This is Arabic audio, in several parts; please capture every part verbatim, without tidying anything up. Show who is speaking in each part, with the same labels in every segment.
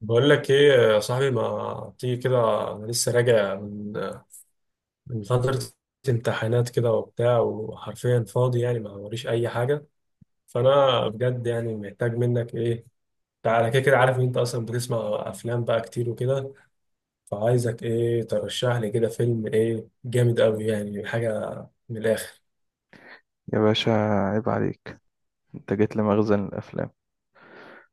Speaker 1: بقول لك ايه يا صاحبي، ما تيجي كده؟ انا لسه راجع من من فترة امتحانات كده وبتاع، وحرفيا فاضي يعني، ما وريش اي حاجة. فانا بجد يعني محتاج منك ايه؟ تعالى كده. كده عارف ان انت اصلا بتسمع افلام بقى كتير وكده، فعايزك ايه ترشح لي كده فيلم ايه جامد قوي، يعني حاجة من الاخر.
Speaker 2: يا باشا، عيب عليك. انت جيت لمخزن الافلام.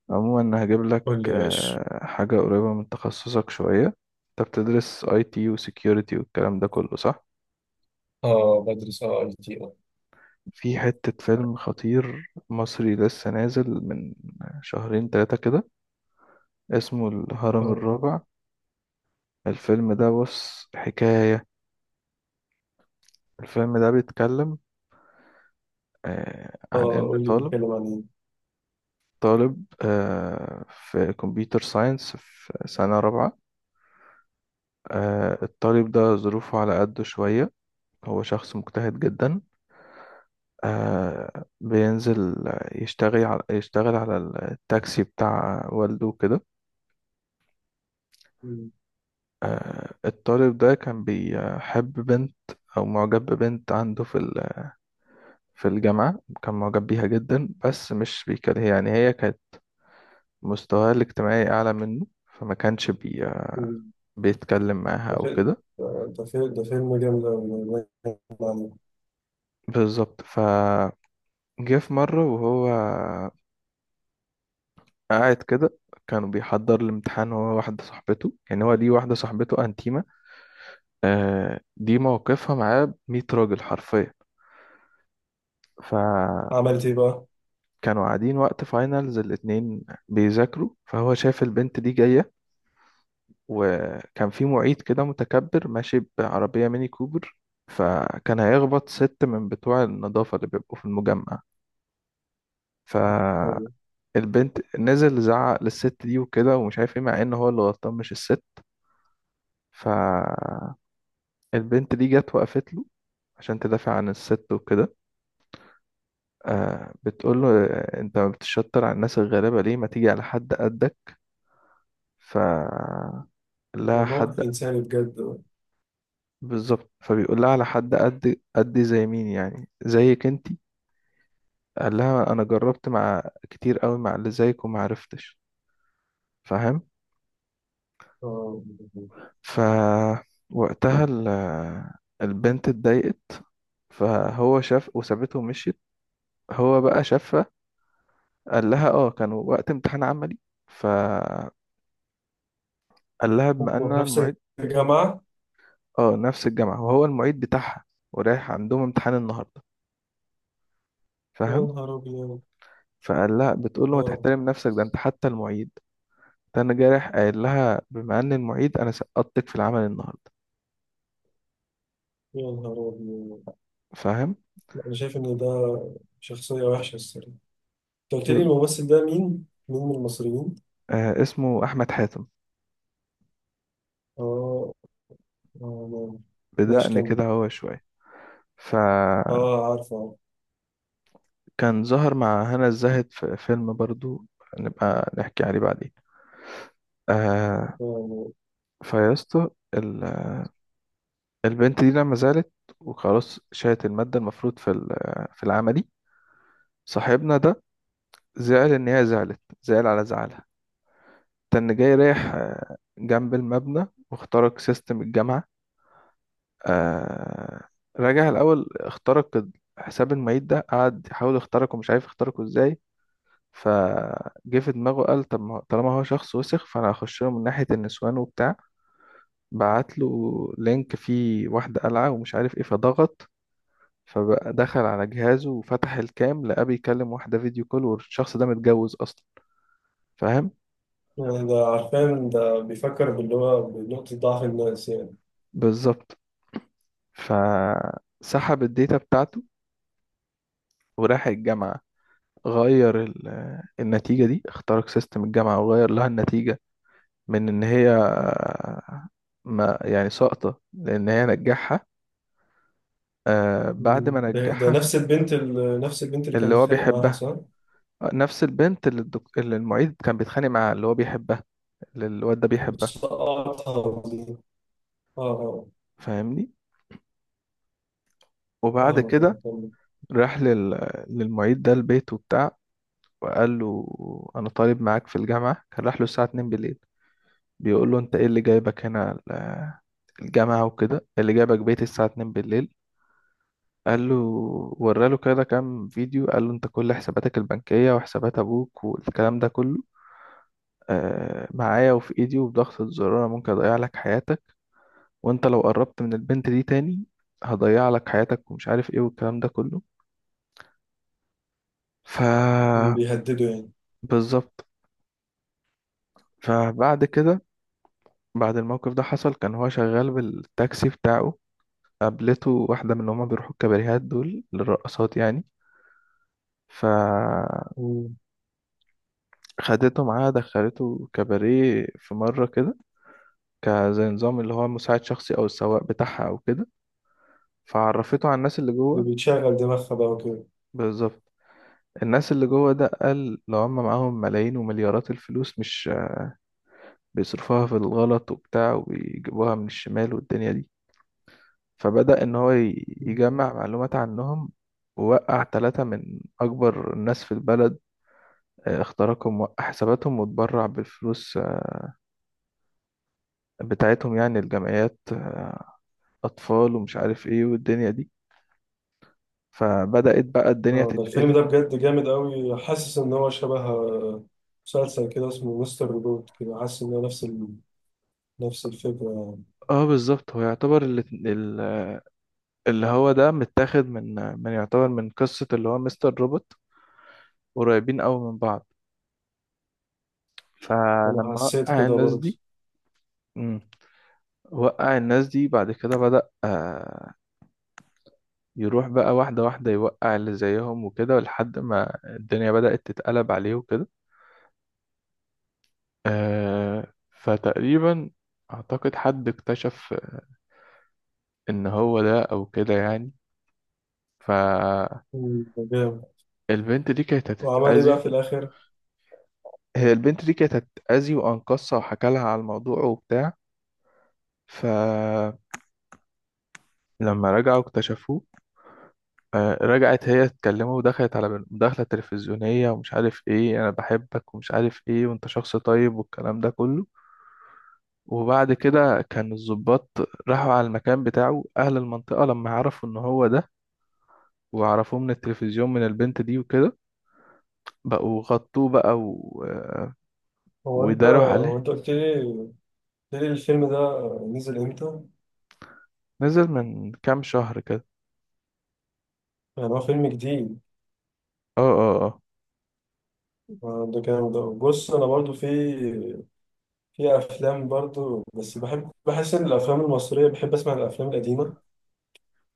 Speaker 2: عموما هجيب لك
Speaker 1: قول لي يا باشا.
Speaker 2: آه، حاجه قريبه من تخصصك شويه. انت بتدرس اي تي وسكيورتي والكلام ده كله، صح؟
Speaker 1: اه بدرس، اه اي تي اه
Speaker 2: في حته فيلم خطير مصري لسه نازل من شهرين ثلاثه كده، اسمه الهرم
Speaker 1: اه
Speaker 2: الرابع. الفيلم ده بص حكايه. الفيلم ده بيتكلم آه، عن
Speaker 1: اه
Speaker 2: ان
Speaker 1: قول لي
Speaker 2: طالب
Speaker 1: بيتكلم عن
Speaker 2: طالب آه، في كمبيوتر ساينس في سنه رابعه. آه، الطالب ده ظروفه على قده شوية. هو شخص مجتهد جدا. آه، بينزل يشتغل على يشتغل على التاكسي بتاع والده كده.
Speaker 1: ايه.
Speaker 2: آه، الطالب ده كان بيحب بنت أو معجب ببنت عنده في ال- في الجامعة. كان معجب بيها جدا، بس مش بيكلم. يعني هي كانت مستواها الاجتماعي أعلى منه، فما كانش بي
Speaker 1: مم.
Speaker 2: بيتكلم معاها
Speaker 1: ده
Speaker 2: أو
Speaker 1: فيلم
Speaker 2: كده.
Speaker 1: ده فيلم ده فيلم جامد أوي.
Speaker 2: بالظبط. فجه في مرة وهو قاعد كده، كانوا بيحضر الامتحان، هو واحدة صاحبته. يعني هو ليه واحدة صاحبته أنتيمة، آه دي موقفها معاه مية راجل حرفيا. فكانوا
Speaker 1: عملت إيه بقى؟
Speaker 2: قاعدين وقت فاينلز الاتنين بيذاكروا، فهو شاف البنت دي جاية، وكان في معيد كده متكبر ماشي بعربية ميني كوبر، فكان هيخبط ست من بتوع النظافة اللي بيبقوا في المجمع. فالبنت،
Speaker 1: أو-
Speaker 2: نزل زعق للست دي وكده ومش عارف ايه، مع ان هو اللي غلطان مش الست. ف البنت دي جت وقفت له عشان تدافع عن الست وكده. آه بتقول له، آه، انت بتشطر على الناس الغلابة، ليه ما تيجي على حد قدك؟ ف
Speaker 1: ده
Speaker 2: لها حد.
Speaker 1: موقف إنساني بجد بقى.
Speaker 2: بالظبط. فبيقول لها، على حد قد قدي زي مين يعني، زيك انتي؟ قال لها، انا جربت مع كتير قوي مع اللي زيك وما عرفتش، فاهم.
Speaker 1: آه،
Speaker 2: ف وقتها ال... آه، البنت اتضايقت، فهو شاف وسابته ومشيت. هو بقى شافها قال لها، اه كانوا وقت امتحان عملي، فقال لها بما ان
Speaker 1: هما في
Speaker 2: انا
Speaker 1: نفس
Speaker 2: المعيد.
Speaker 1: الجامعة.
Speaker 2: اه، نفس الجامعه وهو المعيد بتاعها، ورايح عندهم امتحان النهارده،
Speaker 1: يا
Speaker 2: فاهم.
Speaker 1: نهار أبيض.
Speaker 2: فقال لها بتقول له، ما
Speaker 1: آه
Speaker 2: تحترم نفسك، ده انت حتى المعيد؟ ده انا جاي رايح قايل لها بما ان المعيد انا، سقطتك في العمل النهارده،
Speaker 1: يا نهار أبيض.
Speaker 2: فاهم.
Speaker 1: أنا شايف إن ده شخصية وحشة الصراحة. أنت قلت لي
Speaker 2: ب...
Speaker 1: الممثل ده مين؟ مين من المصريين؟
Speaker 2: آه اسمه احمد حاتم.
Speaker 1: آه. آه. ماشي
Speaker 2: بدقن
Speaker 1: كمل.
Speaker 2: كده هو شويه. فكان
Speaker 1: آه عارفه.
Speaker 2: ظهر مع هنا الزاهد في فيلم برضو، نبقى نحكي عليه بعدين. آه
Speaker 1: آه،
Speaker 2: فيا اسطى، البنت دي لما زعلت وخلاص شالت المادة المفروض في ال- في العملي. صاحبنا ده زعل إن هي زعلت، زعل على زعلها. كان جاي رايح آه، جنب المبنى واخترق سيستم الجامعة. آه، رجع الأول اخترق حساب المعيد ده، قعد يحاول يخترقه مش عارف يخترقه ازاي. فجه في دماغه قال، طب ما- هو- طالما هو شخص وسخ، فأنا هخش له من ناحية النسوان وبتاع. بعت له لينك فيه واحدة قلعة ومش عارف ايه، فضغط، فدخل على جهازه وفتح الكام، لقاه بيكلم واحدة فيديو كول، والشخص ده متجوز أصلا، فاهم.
Speaker 1: يعني ده عارفان ده بيفكر باللي هو بنقطة ضعف الناس يعني.
Speaker 2: بالظبط. فسحب الداتا بتاعته وراح الجامعة، غير ال- النتيجة دي، اخترق سيستم الجامعة وغير لها النتيجة، من إن هي ما يعني ساقطة، لأن هي نجحها. آه، بعد
Speaker 1: مم.
Speaker 2: ما
Speaker 1: ده ده
Speaker 2: نجحها في-
Speaker 1: نفس البنت ال- نفس البنت اللي كان
Speaker 2: اللي هو
Speaker 1: متخانق معاها،
Speaker 2: بيحبها،
Speaker 1: صح؟
Speaker 2: نفس البنت اللي, الدك... اللي المعيد كان بيتخانق معاها، اللي هو بيحبها، اللي الواد ده بيحبها،
Speaker 1: بس قطعتها دي. اه، اه
Speaker 2: فاهمني. وبعد
Speaker 1: فاهمك، اه
Speaker 2: كده
Speaker 1: كمل.
Speaker 2: راح لل... للمعيد ده البيت وبتاع، وقال له، انا طالب معاك في الجامعه. كان راح له الساعه اثنين بالليل، بيقول له، انت ايه اللي جايبك هنا ال- الجامعه وكده، إيه اللي جايبك بيت الساعه اتنين بالليل؟ قال له، وراله كده كام فيديو، قال له، انت كل حساباتك البنكيه وحسابات ابوك والكلام ده كله آه، معايا وفي ايدي، وبضغطة زرار أنا ممكن اضيع لك حياتك، وانت لو قربت من البنت دي تاني هضيع لك حياتك ومش عارف ايه والكلام ده كله. ف
Speaker 1: مم، بيهددوا يعني.
Speaker 2: بالظبط. فبعد كده، بعد الموقف ده حصل، كان هو شغال بالتاكسي بتاعه، قابلته واحدة من اللي هما بيروحوا الكباريهات دول للرقصات يعني، فخدته
Speaker 1: مم.
Speaker 2: معاها دخلته كباريه في مرة كده، كزي نظام اللي هو مساعد شخصي أو السواق بتاعها أو كده، فعرفته على الناس اللي
Speaker 1: ده
Speaker 2: جوه.
Speaker 1: بيتشغل دماغها بقى وكده.
Speaker 2: بالظبط. الناس اللي جوه ده، قال لو هم معاهم ملايين ومليارات الفلوس، مش بيصرفوها في الغلط وبتاع، وبيجيبوها من الشمال والدنيا دي. فبدأ إن هو ي-
Speaker 1: مم.
Speaker 2: يجمع معلومات عنهم، ووقع ثلاثة من أكبر الناس في البلد. آه، اخترقهم، وقع حساباتهم واتبرع بالفلوس آه، بتاعتهم، يعني الجمعيات، آه، أطفال ومش عارف إيه والدنيا دي. فبدأت بقى الدنيا
Speaker 1: اه، ده الفيلم
Speaker 2: تتقلب.
Speaker 1: ده بجد جامد قوي، حاسس ان هو شبه آه، مسلسل كده اسمه مستر روبوت كده، حاسس ان هو نفس ال... نفس الفكرة يعني.
Speaker 2: اه، بالظبط. هو يعتبر اللي, اللي هو ده متاخد من من يعتبر من قصة اللي هو مستر روبوت، قريبين قوي من بعض.
Speaker 1: انا
Speaker 2: فلما
Speaker 1: حسيت
Speaker 2: وقع
Speaker 1: كده
Speaker 2: الناس
Speaker 1: برضه.
Speaker 2: دي. مم. وقع الناس دي، بعد كده بدأ يروح بقى واحدة واحدة يوقع اللي زيهم وكده، لحد ما الدنيا بدأت تتقلب عليه وكده. آه فتقريبا أعتقد حد اكتشف إن هو ده أو كده يعني، فالبنت
Speaker 1: مم، ده جامد.
Speaker 2: دي كانت
Speaker 1: وعمل ايه
Speaker 2: هتتأذي.
Speaker 1: بقى في الاخر؟
Speaker 2: هي البنت دي كانت هتتأذي، وأنقذها وحكى لها على الموضوع وبتاع، فلما رجعوا اكتشفوه. آه، رجعت هي تكلمه ودخلت على مداخلة تلفزيونية ومش عارف ايه، أنا بحبك ومش عارف ايه وأنت شخص طيب والكلام ده كله. وبعد كده كان الضباط راحوا على المكان بتاعه، أهل المنطقة لما عرفوا إن هو ده وعرفوه من التلفزيون من البنت دي وكده، بقوا غطوه بقى و...
Speaker 1: هو انت
Speaker 2: وداروا
Speaker 1: هو
Speaker 2: عليه.
Speaker 1: انت قلت لي قلت لي الفيلم ده نزل امتى؟
Speaker 2: نزل من كام شهر كده.
Speaker 1: يعني هو فيلم جديد.
Speaker 2: اه، اه، اه.
Speaker 1: آه، ده جامد أوي. بص، انا برضو في في افلام برضو، بس بحب، بحس ان الافلام المصريه، بحب اسمع الافلام القديمه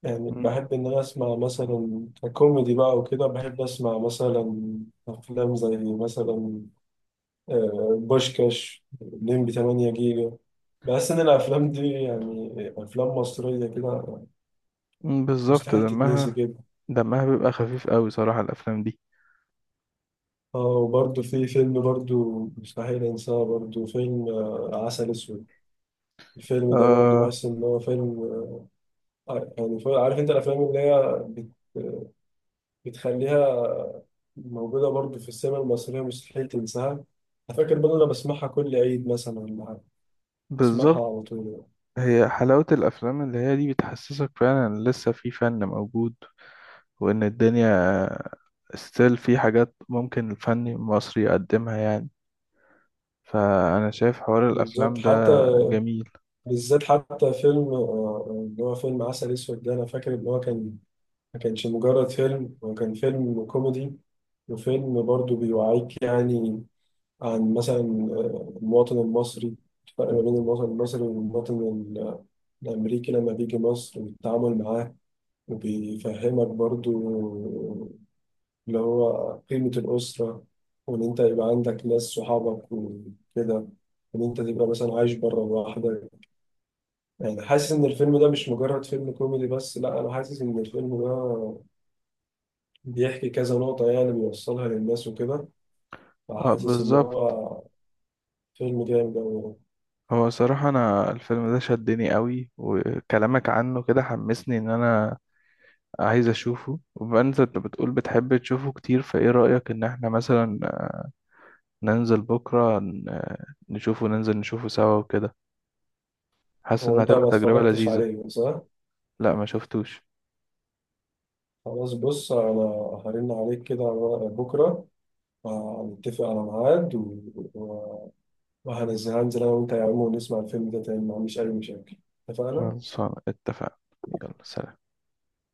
Speaker 1: يعني.
Speaker 2: مم.
Speaker 1: بحب ان انا اسمع مثلا كوميدي بقى وكده، بحب اسمع مثلا افلام زي مثلا آه، بوشكاش، لمبي تمن جيجا. بحس ان الافلام دي يعني افلام مصريه كده
Speaker 2: مم، بالظبط.
Speaker 1: مستحيل تتنسي
Speaker 2: دمها
Speaker 1: كده.
Speaker 2: دمها بيبقى خفيف قوي صراحة، الأفلام دي.
Speaker 1: اه، وبرضه في فيلم برضه مستحيل انساه، برضه فيلم آه، عسل اسود. الفيلم ده برضو
Speaker 2: آه
Speaker 1: بحس إن هو فيلم آه، يعني شوية- عارف انت الافلام اللي هي بت- بتخليها موجوده برضو في السينما المصريه مستحيل تنساها. أنا فاكر برضو انا بسمعها كل عيد مثلا ولا حاجة. بسمعها
Speaker 2: بالظبط.
Speaker 1: على طول.
Speaker 2: هي حلاوة الأفلام اللي هي دي بتحسسك فعلا إن لسه في فن موجود، وإن الدنيا ستيل في حاجات ممكن الفن المصري يقدمها يعني. فأنا شايف حوار
Speaker 1: بالظبط،
Speaker 2: الأفلام
Speaker 1: حتى
Speaker 2: ده جميل.
Speaker 1: بالذات حتى فيلم آه، اللي هو فيلم عسل اسود ده، انا فاكر ان هو كان، ما كانش مجرد فيلم، هو كان فيلم كوميدي وفيلم برضو بيوعيك يعني عن مثلا آه، المواطن المصري، الفرق ما بين المواطن المصري والمواطن ال- الامريكي لما بيجي مصر والتعامل معاه، وبيفهمك برضو اللي هو قيمة الأسرة، وإن أنت يبقى عندك ناس صحابك وكده، وإن أنت تبقى مثلا عايش بره لوحدك. يعني حاسس إن الفيلم ده مش مجرد فيلم كوميدي بس، لا أنا حاسس إن الفيلم ده بيحكي كذا نقطة يعني بيوصلها للناس وكده.
Speaker 2: اه،
Speaker 1: فحاسس إن
Speaker 2: بالظبط.
Speaker 1: هو فيلم جامد أوي.
Speaker 2: هو صراحة أنا الفيلم ده شدني قوي، وكلامك عنه كده حمسني إن أنا عايز أشوفه. وبما إن أنت بتقول بتحب تشوفه كتير، فإيه رأيك إن إحنا مثلا ننزل بكرة ن- نشوفه، ننزل نشوفه سوا وكده؟ حاسس
Speaker 1: هو
Speaker 2: إنها
Speaker 1: أنت
Speaker 2: هتبقى
Speaker 1: ما
Speaker 2: تجربة
Speaker 1: اتفرجتش
Speaker 2: لذيذة.
Speaker 1: عليه، صح؟
Speaker 2: لا، ما شفتوش.
Speaker 1: خلاص بص، أنا هرن عليك كده على ورقة بكرة، هنتفق على ميعاد و... و... وهنزل هنزل انا وانت يا عم ونسمع الفيلم ده تاني. ما عنديش اي مشاكل. اتفقنا؟
Speaker 2: خلاص، اتفقنا. يلا سلام.